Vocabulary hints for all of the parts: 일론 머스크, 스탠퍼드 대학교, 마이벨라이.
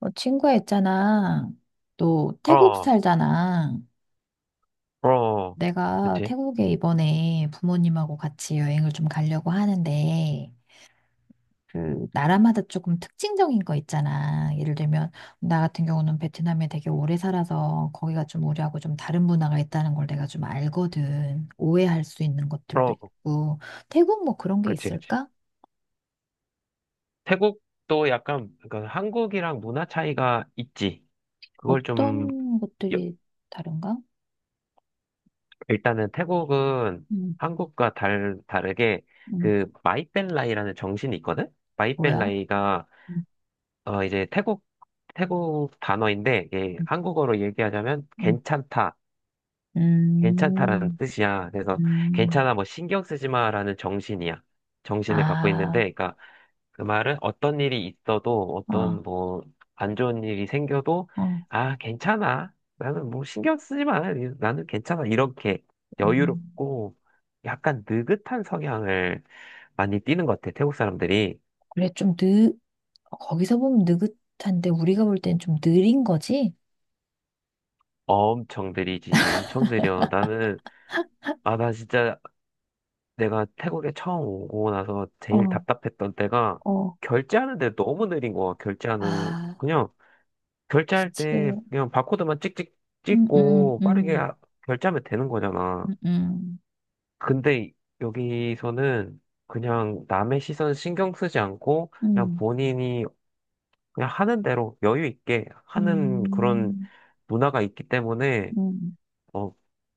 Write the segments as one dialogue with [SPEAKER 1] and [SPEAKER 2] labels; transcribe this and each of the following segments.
[SPEAKER 1] 어, 친구야 있잖아. 너 태국
[SPEAKER 2] 어,
[SPEAKER 1] 살잖아.
[SPEAKER 2] 어,
[SPEAKER 1] 내가
[SPEAKER 2] 그치.
[SPEAKER 1] 태국에 이번에 부모님하고 같이 여행을 좀 가려고 하는데, 그, 나라마다 조금 특징적인 거 있잖아. 예를 들면, 나 같은 경우는 베트남에 되게 오래 살아서 거기가 좀 우리하고 좀 다른 문화가 있다는 걸 내가 좀 알거든. 오해할 수 있는 것들도
[SPEAKER 2] 어,
[SPEAKER 1] 있고. 태국 뭐 그런 게
[SPEAKER 2] 그치, 그치.
[SPEAKER 1] 있을까?
[SPEAKER 2] 태국도 약간, 그 한국이랑 문화 차이가 있지. 그걸 좀,
[SPEAKER 1] 어떤
[SPEAKER 2] 여-
[SPEAKER 1] 것들이 다른가?
[SPEAKER 2] 일단은 태국은
[SPEAKER 1] 음,
[SPEAKER 2] 한국과 다르게
[SPEAKER 1] 음,
[SPEAKER 2] 그 마이벨라이라는 정신이 있거든?
[SPEAKER 1] 뭐야?
[SPEAKER 2] 마이벨라이가,
[SPEAKER 1] 음,
[SPEAKER 2] 어, 이제 태국, 태국 단어인데, 이게
[SPEAKER 1] 음,
[SPEAKER 2] 한국어로 얘기하자면
[SPEAKER 1] 음.
[SPEAKER 2] 괜찮다. 괜찮다라는
[SPEAKER 1] 음.
[SPEAKER 2] 뜻이야. 그래서
[SPEAKER 1] 음,
[SPEAKER 2] 괜찮아, 뭐 신경 쓰지 마라는 정신이야. 정신을 갖고 있는데,
[SPEAKER 1] 아,
[SPEAKER 2] 그러니까 그 말은 어떤 일이 있어도
[SPEAKER 1] 어,
[SPEAKER 2] 어떤 뭐 안 좋은 일이 생겨도
[SPEAKER 1] 어,
[SPEAKER 2] 아, 괜찮아. 나는 뭐 신경 쓰지 마. 나는 괜찮아. 이렇게
[SPEAKER 1] 음.
[SPEAKER 2] 여유롭고 약간 느긋한 성향을 많이 띠는 것 같아. 태국 사람들이
[SPEAKER 1] 그래, 거기서 보면 느긋한데, 우리가 볼 땐 좀 느린 거지?
[SPEAKER 2] 엄청 느리지, 엄청 느려. 나는 아, 나 진짜 내가 태국에 처음 오고 나서
[SPEAKER 1] 어,
[SPEAKER 2] 제일 답답했던 때가
[SPEAKER 1] 어,
[SPEAKER 2] 결제하는데 너무 느린 거야. 결제하는
[SPEAKER 1] 아,
[SPEAKER 2] 그냥 결제할 때
[SPEAKER 1] 그치.
[SPEAKER 2] 그냥 바코드만 찍찍
[SPEAKER 1] 음, 음,
[SPEAKER 2] 찍고 빠르게
[SPEAKER 1] 음,
[SPEAKER 2] 결제하면 되는 거잖아.
[SPEAKER 1] 음,
[SPEAKER 2] 근데 여기서는 그냥 남의 시선 신경 쓰지 않고 그냥
[SPEAKER 1] 음,
[SPEAKER 2] 본인이 그냥 하는 대로 여유 있게
[SPEAKER 1] 음,
[SPEAKER 2] 하는 그런
[SPEAKER 1] 음,
[SPEAKER 2] 문화가 있기 때문에
[SPEAKER 1] 음.
[SPEAKER 2] 어,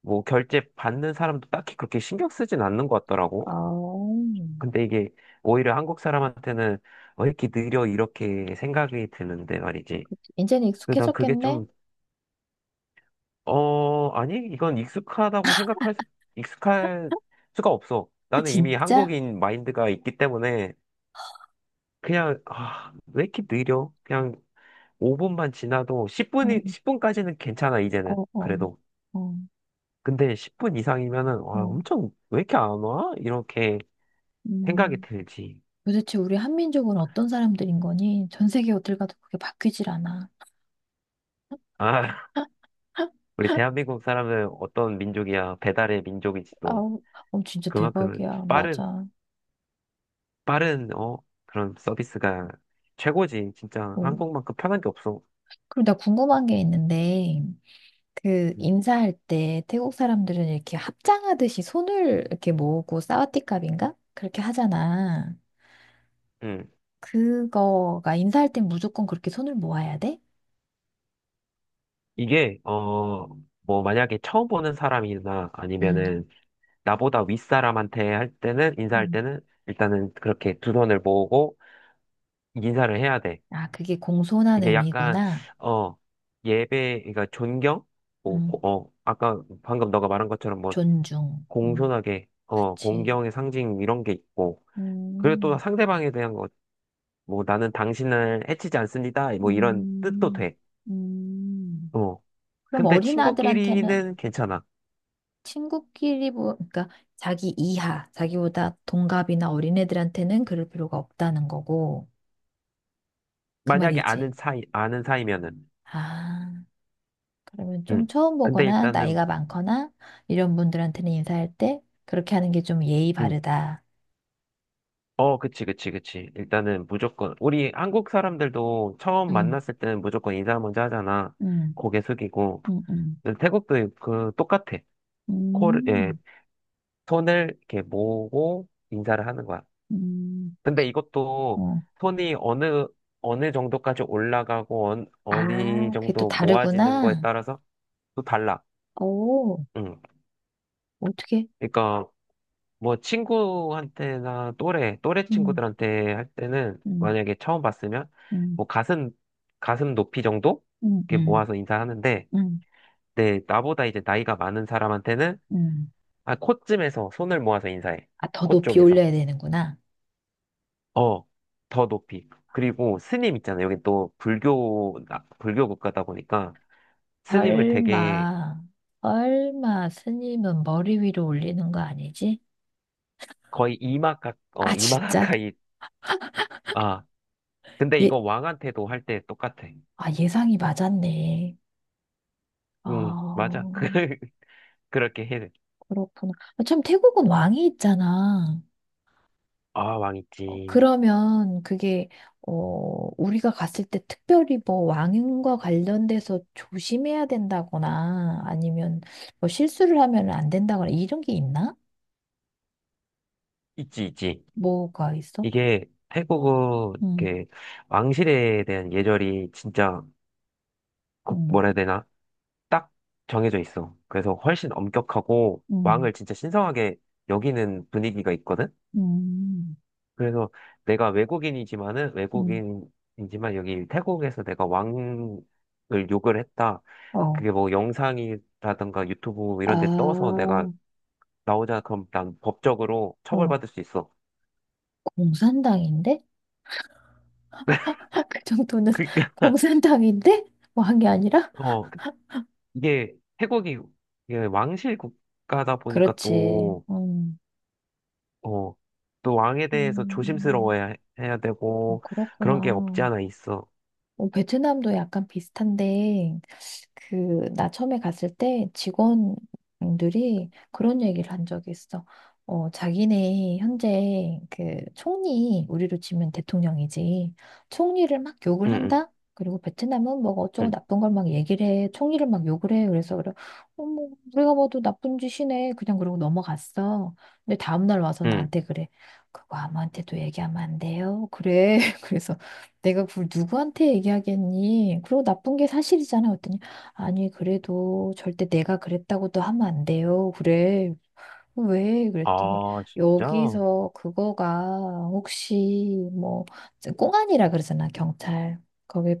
[SPEAKER 2] 뭐 결제 받는 사람도 딱히 그렇게 신경 쓰진 않는 것 같더라고.
[SPEAKER 1] 아우,
[SPEAKER 2] 근데 이게 오히려 한국 사람한테는 왜 이렇게 느려 이렇게 생각이 드는데 말이지.
[SPEAKER 1] 이제는
[SPEAKER 2] 근데 난 그게
[SPEAKER 1] 익숙해졌겠네?
[SPEAKER 2] 좀, 어, 아니, 이건 익숙하다고 생각할 수, 익숙할 수가 없어.
[SPEAKER 1] 아,
[SPEAKER 2] 나는 이미
[SPEAKER 1] 진짜?
[SPEAKER 2] 한국인 마인드가 있기 때문에 그냥, 아, 왜 이렇게 느려? 그냥 5분만 지나도
[SPEAKER 1] 음,
[SPEAKER 2] 10분이, 10분까지는 괜찮아, 이제는.
[SPEAKER 1] 어, 어,
[SPEAKER 2] 그래도.
[SPEAKER 1] 어,
[SPEAKER 2] 근데 10분 이상이면은, 와,
[SPEAKER 1] 어,
[SPEAKER 2] 엄청, 왜 이렇게 안 와? 이렇게 생각이
[SPEAKER 1] 음.
[SPEAKER 2] 들지.
[SPEAKER 1] 도대체 우리 한민족은 어떤 사람들인 거니? 전 세계 어딜 가도 그게 바뀌질 않아.
[SPEAKER 2] 아, 우리 대한민국 사람은 어떤 민족이야? 배달의 민족이지
[SPEAKER 1] 아,
[SPEAKER 2] 또.
[SPEAKER 1] 어, 진짜
[SPEAKER 2] 그만큼
[SPEAKER 1] 대박이야.
[SPEAKER 2] 빠른,
[SPEAKER 1] 맞아.
[SPEAKER 2] 빠른, 어, 그런 서비스가 최고지. 진짜
[SPEAKER 1] 어.
[SPEAKER 2] 한국만큼 편한 게 없어.
[SPEAKER 1] 그리고 나 궁금한 게 있는데, 그
[SPEAKER 2] 음.
[SPEAKER 1] 인사할 때 태국 사람들은 이렇게 합장하듯이 손을 이렇게 모으고 사와디캅인가? 그렇게 하잖아.
[SPEAKER 2] 음.
[SPEAKER 1] 그거가 인사할 땐 무조건 그렇게 손을 모아야 돼?
[SPEAKER 2] 이게, 어, 뭐, 만약에 처음 보는 사람이나
[SPEAKER 1] 음.
[SPEAKER 2] 아니면은 나보다 윗사람한테 할 때는, 인사할
[SPEAKER 1] 음.
[SPEAKER 2] 때는 일단은 그렇게 두 손을 모으고 인사를 해야 돼.
[SPEAKER 1] 아, 그게 공손한
[SPEAKER 2] 이게 약간,
[SPEAKER 1] 의미구나.
[SPEAKER 2] 어, 예배, 그러니까 존경? 뭐,
[SPEAKER 1] 음.
[SPEAKER 2] 어, 아까 방금 너가 말한 것처럼 뭐,
[SPEAKER 1] 존중. 음.
[SPEAKER 2] 공손하게, 어,
[SPEAKER 1] 그치.
[SPEAKER 2] 공경의 상징 이런 게 있고, 그리고 또
[SPEAKER 1] 음.
[SPEAKER 2] 상대방에 대한 거 뭐 나는 당신을 해치지 않습니다. 뭐 이런 뜻도
[SPEAKER 1] 음.
[SPEAKER 2] 돼.
[SPEAKER 1] 음.
[SPEAKER 2] 어.
[SPEAKER 1] 그럼
[SPEAKER 2] 근데
[SPEAKER 1] 어린아들한테는
[SPEAKER 2] 친구끼리는 괜찮아.
[SPEAKER 1] 친구끼리 뭐 그러니까 자기 이하, 자기보다 동갑이나 어린애들한테는 그럴 필요가 없다는 거고 그
[SPEAKER 2] 만약에
[SPEAKER 1] 말이지.
[SPEAKER 2] 아는 사이, 아는 사이면은.
[SPEAKER 1] 아, 그러면 좀
[SPEAKER 2] 응.
[SPEAKER 1] 처음
[SPEAKER 2] 근데
[SPEAKER 1] 보거나
[SPEAKER 2] 일단은,
[SPEAKER 1] 나이가 많거나 이런 분들한테는 인사할 때 그렇게 하는 게 좀 예의
[SPEAKER 2] 응.
[SPEAKER 1] 바르다.
[SPEAKER 2] 어, 그치, 그치, 그치. 일단은 무조건, 우리 한국 사람들도 처음
[SPEAKER 1] 음,
[SPEAKER 2] 만났을 때는 무조건 인사 먼저 하잖아.
[SPEAKER 1] 음,
[SPEAKER 2] 고개 숙이고.
[SPEAKER 1] 음, 음,
[SPEAKER 2] 근데 태국도 그, 똑같아. 코를, 예,
[SPEAKER 1] 음,
[SPEAKER 2] 손을 이렇게 모으고 인사를 하는 거야.
[SPEAKER 1] 음.
[SPEAKER 2] 근데 이것도
[SPEAKER 1] 어.
[SPEAKER 2] 손이 어느, 어느 정도까지 올라가고, 어, 디
[SPEAKER 1] 아, 그게 또
[SPEAKER 2] 정도 모아지는 거에
[SPEAKER 1] 다르구나.
[SPEAKER 2] 따라서 또 달라.
[SPEAKER 1] 오,
[SPEAKER 2] 응.
[SPEAKER 1] 어떻게?
[SPEAKER 2] 그러니까, 뭐, 친구한테나 또래, 또래
[SPEAKER 1] 음.
[SPEAKER 2] 친구들한테 할 때는,
[SPEAKER 1] 음,
[SPEAKER 2] 만약에 처음 봤으면,
[SPEAKER 1] 음,
[SPEAKER 2] 뭐, 가슴, 가슴 높이 정도?
[SPEAKER 1] 음,
[SPEAKER 2] 이렇게
[SPEAKER 1] 음,
[SPEAKER 2] 모아서 인사하는데,
[SPEAKER 1] 음,
[SPEAKER 2] 네, 나보다 이제 나이가 많은 사람한테는,
[SPEAKER 1] 음.
[SPEAKER 2] 아, 코쯤에서 손을 모아서 인사해.
[SPEAKER 1] 아, 더
[SPEAKER 2] 코
[SPEAKER 1] 높이
[SPEAKER 2] 쪽에서.
[SPEAKER 1] 올려야 되는구나.
[SPEAKER 2] 어, 더 높이. 그리고 스님 있잖아. 요 여기 또 불교, 불교 국가다 보니까 스님을 되게
[SPEAKER 1] 설마, 설마 스님은 머리 위로 올리는 거 아니지?
[SPEAKER 2] 거의 이마 가, 어,
[SPEAKER 1] 아,
[SPEAKER 2] 이마
[SPEAKER 1] 진짜?
[SPEAKER 2] 가까이, 아, 근데
[SPEAKER 1] 예,
[SPEAKER 2] 이거 왕한테도 할 때 똑같아.
[SPEAKER 1] 아, 예상이 맞았네.
[SPEAKER 2] 응, 맞아.
[SPEAKER 1] 아,
[SPEAKER 2] 그, 그렇게 해.
[SPEAKER 1] 그렇구나. 아, 참, 태국은 왕이 있잖아.
[SPEAKER 2] 아, 왕
[SPEAKER 1] 어,
[SPEAKER 2] 있지.
[SPEAKER 1] 그러면 그게, 어, 우리가 갔을 때 특별히 뭐 왕과 관련돼서 조심해야 된다거나 아니면 뭐 실수를 하면 안 된다거나 이런 게 있나?
[SPEAKER 2] 있지, 있지.
[SPEAKER 1] 뭐가 있어?
[SPEAKER 2] 이게 태국은
[SPEAKER 1] 응,
[SPEAKER 2] 이렇게 왕실에 대한 예절이 진짜,
[SPEAKER 1] 응,
[SPEAKER 2] 뭐라 해야 되나? 딱 정해져 있어. 그래서 훨씬 엄격하고
[SPEAKER 1] 응,
[SPEAKER 2] 왕을 진짜 신성하게 여기는 분위기가 있거든?
[SPEAKER 1] 응,
[SPEAKER 2] 그래서 내가 외국인이지만은
[SPEAKER 1] 응.
[SPEAKER 2] 외국인이지만 여기 태국에서 내가 왕을 욕을 했다.
[SPEAKER 1] 어.
[SPEAKER 2] 그게 뭐 영상이라든가 유튜브
[SPEAKER 1] 아,
[SPEAKER 2] 이런 데 떠서 내가
[SPEAKER 1] 어,
[SPEAKER 2] 나오자 그럼 난 법적으로 처벌받을 수 있어.
[SPEAKER 1] 공산당인데? 그 정도는
[SPEAKER 2] 그러니까
[SPEAKER 1] 공산당인데? 뭐 한 게 아니라?
[SPEAKER 2] 어, 이게 태국이 이게 왕실 국가다 보니까
[SPEAKER 1] 그렇지.
[SPEAKER 2] 또 어, 또 왕에 대해서
[SPEAKER 1] 음, 음.
[SPEAKER 2] 조심스러워야 야
[SPEAKER 1] 어,
[SPEAKER 2] 되고
[SPEAKER 1] 그렇구나.
[SPEAKER 2] 그런 게 없지 않아 있어.
[SPEAKER 1] 어, 베트남도 약간 비슷한데, 그, 나 처음에 갔을 때 직원들이 그런 얘기를 한 적이 있어. 어, 자기네 현재 그 총리, 우리로 치면 대통령이지. 총리를 막 욕을
[SPEAKER 2] 응, 응,
[SPEAKER 1] 한다? 그리고 베트남은 뭐 어쩌고
[SPEAKER 2] 응,
[SPEAKER 1] 나쁜 걸 막 얘기를 해. 총리를 막 욕을 해. 그래서 그래. 어머, 우리가 봐도 나쁜 짓이네. 그냥 그러고 넘어갔어. 근데 다음날 와서
[SPEAKER 2] 응.
[SPEAKER 1] 나한테 그래. 그거 아무한테도 얘기하면 안 돼요. 그래. 그래서 내가 그걸 누구한테 얘기하겠니? 그리고 나쁜 게 사실이잖아. 아니, 그래도 절대 내가 그랬다고도 하면 안 돼요. 그래. 왜? 그랬더니,
[SPEAKER 2] 아, 진짜? 어,
[SPEAKER 1] 여기서 그거가 혹시 뭐, 꽁안이라 그러잖아, 경찰. 거기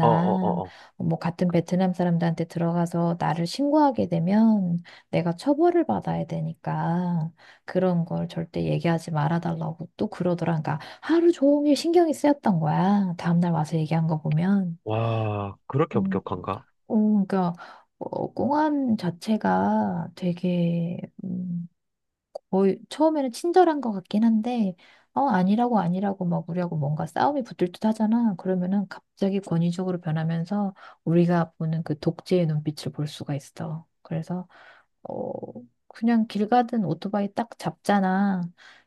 [SPEAKER 2] 어, 어, 어.
[SPEAKER 1] 뭐, 같은 베트남 사람들한테 들어가서 나를 신고하게 되면 내가 처벌을 받아야 되니까 그런 걸 절대 얘기하지 말아달라고 또 그러더라. 그러니까 하루 종일 신경이 쓰였던 거야. 다음날 와서 얘기한 거 보면.
[SPEAKER 2] 와, 그렇게
[SPEAKER 1] 음.
[SPEAKER 2] 엄격한가?
[SPEAKER 1] 어, 그러니까 어, 꽁안 자체가 되게 거의 처음에는 친절한 것 같긴 한데 어 아니라고 아니라고 막 우리하고 뭔가 싸움이 붙을 듯 하잖아. 그러면은 갑자기 권위적으로 변하면서 우리가 보는 그 독재의 눈빛을 볼 수가 있어. 그래서 어, 그냥 길 가든 오토바이 딱 잡잖아.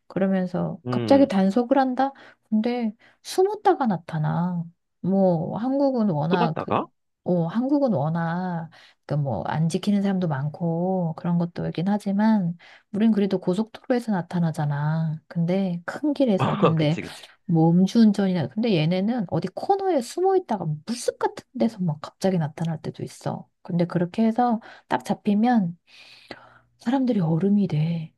[SPEAKER 1] 그러면서 갑자기
[SPEAKER 2] 음,
[SPEAKER 1] 단속을 한다? 근데 숨었다가 나타나. 뭐, 한국은 워낙 그,
[SPEAKER 2] 쏘봤다가?
[SPEAKER 1] 어, 한국은 워낙 그 뭐, 안 지키는 사람도 많고 그런 것도 있긴 하지만, 우린 그래도 고속도로에서 나타나잖아. 근데 큰 길에서. 근데
[SPEAKER 2] 그치, 그치.
[SPEAKER 1] 뭐 음주운전이나, 근데 얘네는 어디 코너에 숨어 있다가 물숲 같은 데서 막 갑자기 나타날 때도 있어. 근데 그렇게 해서 딱 잡히면 사람들이 얼음이 돼.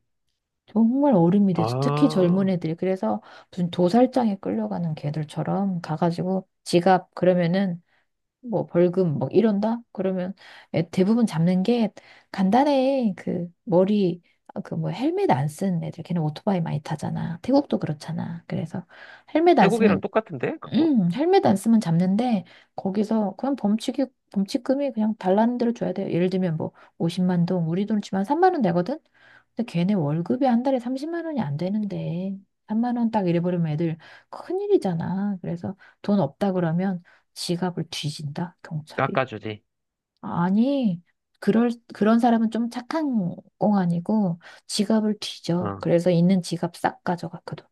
[SPEAKER 1] 정말 얼음이 돼. 특히
[SPEAKER 2] 아,
[SPEAKER 1] 젊은 애들이. 그래서 무슨 도살장에 끌려가는 개들처럼 가가지고 지갑 그러면은 뭐 벌금 뭐 이런다? 그러면 대부분 잡는 게 간단해. 그 머리 그 뭐 헬멧 안 쓰는 애들. 걔는 오토바이 많이 타잖아. 태국도 그렇잖아. 그래서 헬멧 안
[SPEAKER 2] 태국이랑
[SPEAKER 1] 쓰면
[SPEAKER 2] 똑같은데? 그거?
[SPEAKER 1] 헬멧 안 쓰면 잡는데 거기서 그냥 범칙이 범칙금이 그냥 달라는 대로 줘야 돼요. 예를 들면 뭐 50만 동 우리 돈으로 치면 3만 원 되거든. 근데 걔네 월급이 한 달에 30만 원이 안 되는데 3만 원 딱 잃어버리면 애들 큰일이잖아. 그래서 돈 없다 그러면 지갑을 뒤진다. 경찰이.
[SPEAKER 2] 깎아주지.
[SPEAKER 1] 아니, 그럴 그런 사람은 좀 착한 꽁 아니고 지갑을 뒤져.
[SPEAKER 2] 어.
[SPEAKER 1] 그래서 있는 지갑 싹 가져갔거든.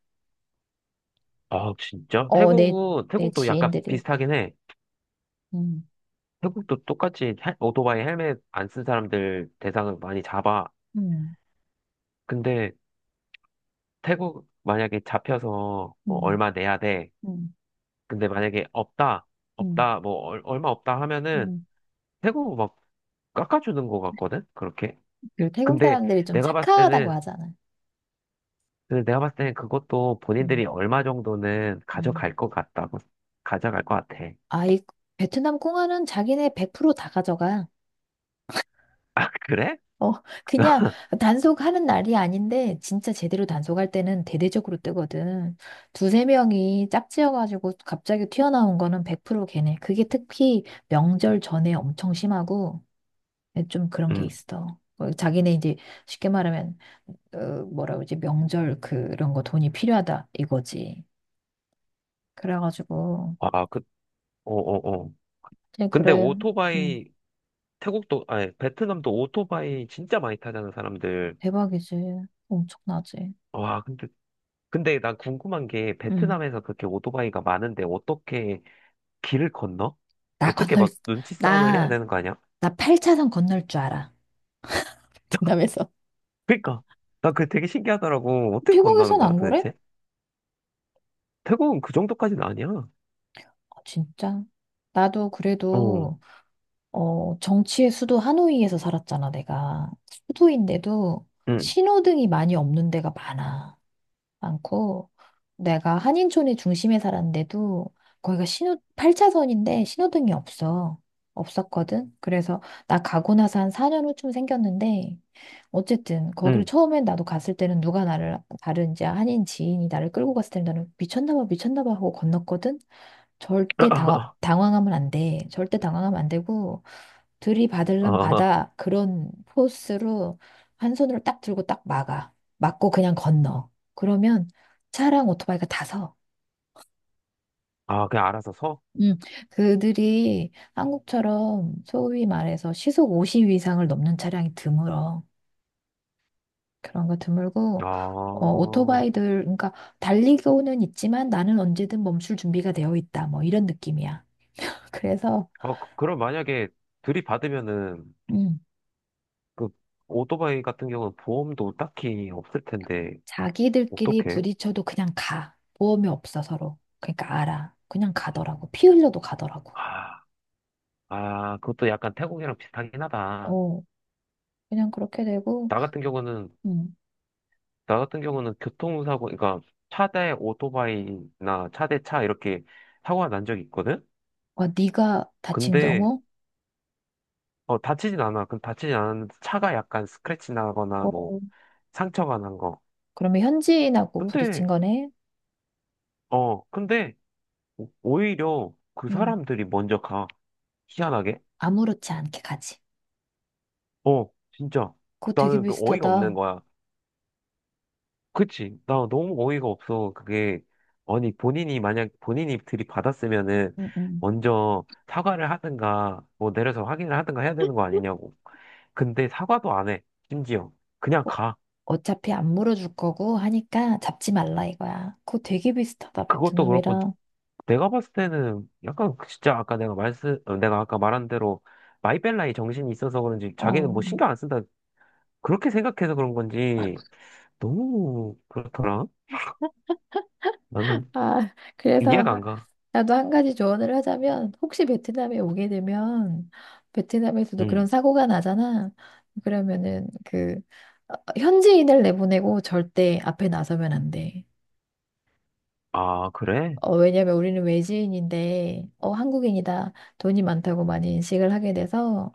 [SPEAKER 2] 아, 진짜?
[SPEAKER 1] 어, 내
[SPEAKER 2] 태국은,
[SPEAKER 1] 내
[SPEAKER 2] 태국도 약간
[SPEAKER 1] 지인들이.
[SPEAKER 2] 비슷하긴 해.
[SPEAKER 1] 음.
[SPEAKER 2] 태국도 똑같이 오토바이 헬멧 안 쓴 사람들 대상을 많이 잡아.
[SPEAKER 1] 음.
[SPEAKER 2] 근데 태국 만약에 잡혀서 뭐
[SPEAKER 1] 음,
[SPEAKER 2] 얼마 내야 돼.
[SPEAKER 1] 음,
[SPEAKER 2] 근데 만약에 없다,
[SPEAKER 1] 음,
[SPEAKER 2] 없다, 뭐 얼마 없다 하면은
[SPEAKER 1] 음.
[SPEAKER 2] 태국 막 깎아주는 것 같거든? 그렇게.
[SPEAKER 1] 그리고 태국
[SPEAKER 2] 근데
[SPEAKER 1] 사람들이 좀
[SPEAKER 2] 내가 봤을
[SPEAKER 1] 착하다고
[SPEAKER 2] 때는
[SPEAKER 1] 하잖아.
[SPEAKER 2] 근데 내가 봤을 땐 그것도
[SPEAKER 1] 음,
[SPEAKER 2] 본인들이 얼마 정도는
[SPEAKER 1] 음.
[SPEAKER 2] 가져갈 것 같다고, 가져갈 것 같아.
[SPEAKER 1] 아이, 베트남 꽁하는 자기네 100%다 가져가.
[SPEAKER 2] 아, 그래?
[SPEAKER 1] 어, 그냥 단속하는 날이 아닌데, 진짜 제대로 단속할 때는 대대적으로 뜨거든. 두세 명이 짝지어가지고 갑자기 튀어나온 거는 100% 걔네. 그게 특히 명절 전에 엄청 심하고, 좀 그런 게
[SPEAKER 2] 응.
[SPEAKER 1] 있어. 어, 자기네 이제 쉽게 말하면, 어, 뭐라 그러지, 명절 그런 거 돈이 필요하다, 이거지. 그래가지고
[SPEAKER 2] 아, 그, 어, 어, 어.
[SPEAKER 1] 그냥
[SPEAKER 2] 근데
[SPEAKER 1] 그래 응
[SPEAKER 2] 오토바이, 태국도, 아니, 베트남도 오토바이 진짜 많이 타잖아, 사람들.
[SPEAKER 1] 대박이지 엄청나지
[SPEAKER 2] 와, 근데, 근데 난 궁금한 게,
[SPEAKER 1] 응
[SPEAKER 2] 베트남에서 그렇게 오토바이가 많은데, 어떻게 길을 건너?
[SPEAKER 1] 나
[SPEAKER 2] 어떻게
[SPEAKER 1] 건널
[SPEAKER 2] 막 눈치 싸움을 해야
[SPEAKER 1] 나
[SPEAKER 2] 되는 거 아니야?
[SPEAKER 1] 나 8차선 건널 줄 알아 등담에서
[SPEAKER 2] 그니까. 나 그게 되게 신기하더라고. 어떻게 건너는
[SPEAKER 1] 태국에선
[SPEAKER 2] 거야,
[SPEAKER 1] 안 그래?
[SPEAKER 2] 도대체? 태국은 그 정도까지는 아니야.
[SPEAKER 1] 아, 진짜 나도
[SPEAKER 2] 어,
[SPEAKER 1] 그래도 어 정치의 수도 하노이에서 살았잖아 내가 수도인데도
[SPEAKER 2] 응,
[SPEAKER 1] 신호등이 많이 없는 데가 많아 많고, 내가 한인촌의 중심에 살았는데도 거기가 신호, 8차선인데 신호등이 없어. 없었거든. 그래서 나 가고 나서 한 4년 후쯤 생겼는데, 어쨌든 거기를
[SPEAKER 2] 응.
[SPEAKER 1] 처음엔 나도 갔을 때는 누가 나를, 다른 이제 한인 지인이 나를 끌고 갔을 때는 나는 미쳤나 봐, 미쳤나 봐 하고 건넜거든. 절대 당, 당황하면 안 돼. 절대 당황하면 안 되고, 들이받을란
[SPEAKER 2] 아,
[SPEAKER 1] 받아. 그런 포스로 한 손으로 딱 들고 딱 막아. 막고 그냥 건너. 그러면 차랑 오토바이가 다서
[SPEAKER 2] 아, 그냥 알아서 서?
[SPEAKER 1] 음, 그들이 한국처럼 소위 말해서 시속 50 이상을 넘는 차량이 드물어. 그런 거
[SPEAKER 2] 아,
[SPEAKER 1] 드물고 어,
[SPEAKER 2] 어,
[SPEAKER 1] 오토바이들 그러니까 달리고는 있지만 나는 언제든 멈출 준비가 되어 있다. 뭐 이런 느낌이야. 그래서
[SPEAKER 2] 그럼 만약에 들이받으면은,
[SPEAKER 1] 음,
[SPEAKER 2] 그, 오토바이 같은 경우는 보험도 딱히 없을 텐데,
[SPEAKER 1] 자기들끼리
[SPEAKER 2] 어떡해?
[SPEAKER 1] 부딪혀도 그냥 가. 보험이 없어 서로. 그러니까 알아. 그냥 가더라고. 피 흘려도 가더라고.
[SPEAKER 2] 아, 아, 그것도 약간 태국이랑 비슷하긴 하다.
[SPEAKER 1] 어, 그냥 그렇게 되고
[SPEAKER 2] 나 같은 경우는,
[SPEAKER 1] 음.
[SPEAKER 2] 나 같은 경우는 교통사고, 그러니까 차 대 오토바이나 차 대 차 이렇게 사고가 난 적이 있거든?
[SPEAKER 1] 어, 네가 다친
[SPEAKER 2] 근데,
[SPEAKER 1] 경우?
[SPEAKER 2] 어, 다치진 않아. 그 다치진 않았는데, 차가 약간 스크래치 나거나,
[SPEAKER 1] 어,
[SPEAKER 2] 뭐, 상처가 난 거.
[SPEAKER 1] 그러면 현지인하고 부딪힌
[SPEAKER 2] 근데,
[SPEAKER 1] 거네?
[SPEAKER 2] 어, 근데, 오히려 그
[SPEAKER 1] 응,
[SPEAKER 2] 사람들이 먼저 가. 희한하게.
[SPEAKER 1] 아무렇지 않게 가지.
[SPEAKER 2] 어, 진짜.
[SPEAKER 1] 그거 되게
[SPEAKER 2] 나는 그 어이가 없는
[SPEAKER 1] 비슷하다.
[SPEAKER 2] 거야. 그치? 나 너무 어이가 없어. 그게, 아니, 본인이 만약 본인이 들이받았으면은
[SPEAKER 1] 응, 응.
[SPEAKER 2] 먼저 사과를 하든가, 뭐 내려서 확인을 하든가 해야 되는 거 아니냐고. 근데 사과도 안 해. 심지어. 그냥
[SPEAKER 1] 어,
[SPEAKER 2] 가.
[SPEAKER 1] 어차피 안 물어줄 거고 하니까 잡지 말라 이거야. 그거 되게 비슷하다,
[SPEAKER 2] 그것도 그렇고,
[SPEAKER 1] 베트남이랑.
[SPEAKER 2] 내가 봤을 때는 약간 그 진짜 아까 내가 내가 아까 말한 대로 마이벨라의 정신이 있어서 그런지 자기는 뭐
[SPEAKER 1] 어,
[SPEAKER 2] 신경 안 쓴다. 그렇게 생각해서 그런 건지 너무 그렇더라. 나는
[SPEAKER 1] 아, 그래서
[SPEAKER 2] 이해가 안
[SPEAKER 1] 하-
[SPEAKER 2] 가.
[SPEAKER 1] 나도 한 가지 조언을 하자면, 혹시 베트남에 오게 되면, 베트남에서도 그런
[SPEAKER 2] 응.
[SPEAKER 1] 사고가 나잖아. 그러면은 그, 어, 현지인을 내보내고 절대 앞에 나서면 안 돼.
[SPEAKER 2] 아, 그래?
[SPEAKER 1] 어, 왜냐면 우리는 외지인인데, 어, 한국인이다. 돈이 많다고 많이 인식을 하게 돼서,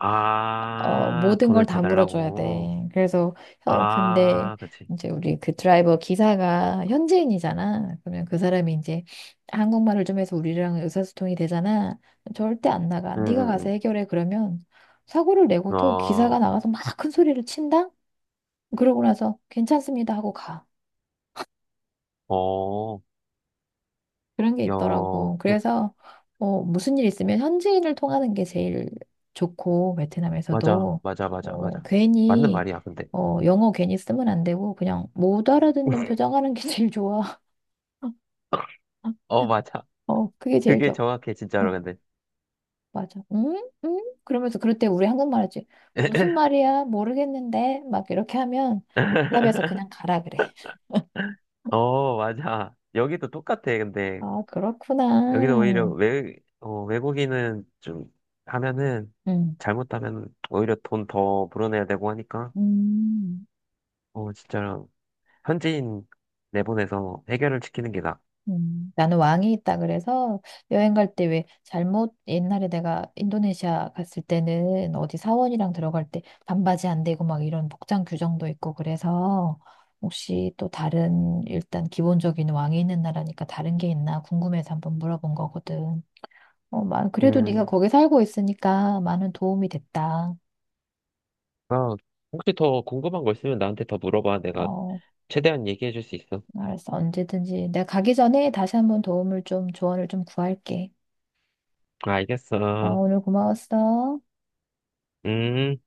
[SPEAKER 1] 어, 모든 걸
[SPEAKER 2] 돈을 더
[SPEAKER 1] 다 물어줘야
[SPEAKER 2] 달라고.
[SPEAKER 1] 돼. 그래서, 어, 근데
[SPEAKER 2] 아, 그치.
[SPEAKER 1] 이제 우리 그 드라이버 기사가 현지인이잖아. 그러면 그 사람이 이제 한국말을 좀 해서 우리랑 의사소통이 되잖아. 절대 안 나가.
[SPEAKER 2] 응,
[SPEAKER 1] 네가 가서
[SPEAKER 2] 응,
[SPEAKER 1] 해결해. 그러면 사고를
[SPEAKER 2] 응.
[SPEAKER 1] 내고도
[SPEAKER 2] 어,
[SPEAKER 1] 기사가 나가서 막 큰 소리를 친다? 그러고 나서 괜찮습니다 하고 가.
[SPEAKER 2] 어,
[SPEAKER 1] 그런 게
[SPEAKER 2] 야,
[SPEAKER 1] 있더라고.
[SPEAKER 2] 그,
[SPEAKER 1] 그래서 어, 무슨 일 있으면 현지인을 통하는 게 제일 좋고
[SPEAKER 2] 맞아,
[SPEAKER 1] 베트남에서도
[SPEAKER 2] 맞아, 맞아,
[SPEAKER 1] 어,
[SPEAKER 2] 맞아. 맞는
[SPEAKER 1] 괜히
[SPEAKER 2] 말이야, 근데.
[SPEAKER 1] 어, 영어 괜히 쓰면 안 되고 그냥 못 알아듣는 표정하는 게 제일 좋아.
[SPEAKER 2] 어, 맞아.
[SPEAKER 1] 어, 그게 제일
[SPEAKER 2] 그게
[SPEAKER 1] 좋아.
[SPEAKER 2] 정확해, 진짜로,
[SPEAKER 1] 어,
[SPEAKER 2] 근데.
[SPEAKER 1] 맞아. 응? 응? 그러면서 그럴 때 우리 한국말 하지. 무슨 말이야? 모르겠는데. 막 이렇게 하면 답에서 그냥 가라 그래.
[SPEAKER 2] 어, 맞아. 여기도 똑같아, 근데.
[SPEAKER 1] 아, 그렇구나.
[SPEAKER 2] 여기도 오히려 외, 어, 외국인은 좀 하면은,
[SPEAKER 1] 응.
[SPEAKER 2] 잘못하면 오히려 돈 더 불어내야 되고 하니까.
[SPEAKER 1] 음.
[SPEAKER 2] 어, 진짜 현지인 내보내서 해결을 시키는 게 나아.
[SPEAKER 1] 나는 왕이 있다 그래서 여행 갈 때 왜 잘못 옛날에 내가 인도네시아 갔을 때는 어디 사원이랑 들어갈 때 반바지 안 되고 막 이런 복장 규정도 있고 그래서 혹시 또 다른 일단 기본적인 왕이 있는 나라니까 다른 게 있나 궁금해서 한번 물어본 거거든. 어, 만 그래도 네가
[SPEAKER 2] 음,
[SPEAKER 1] 거기 살고 있으니까 많은 도움이 됐다.
[SPEAKER 2] 아, 혹시 더 궁금한 거 있으면 나한테 더 물어봐. 내가
[SPEAKER 1] 어,
[SPEAKER 2] 최대한 얘기해 줄 수 있어.
[SPEAKER 1] 알았어. 언제든지 내가 가기 전에 다시 한번 도움을 좀 조언을 좀 구할게.
[SPEAKER 2] 알겠어.
[SPEAKER 1] 어, 오늘 고마웠어.
[SPEAKER 2] 음.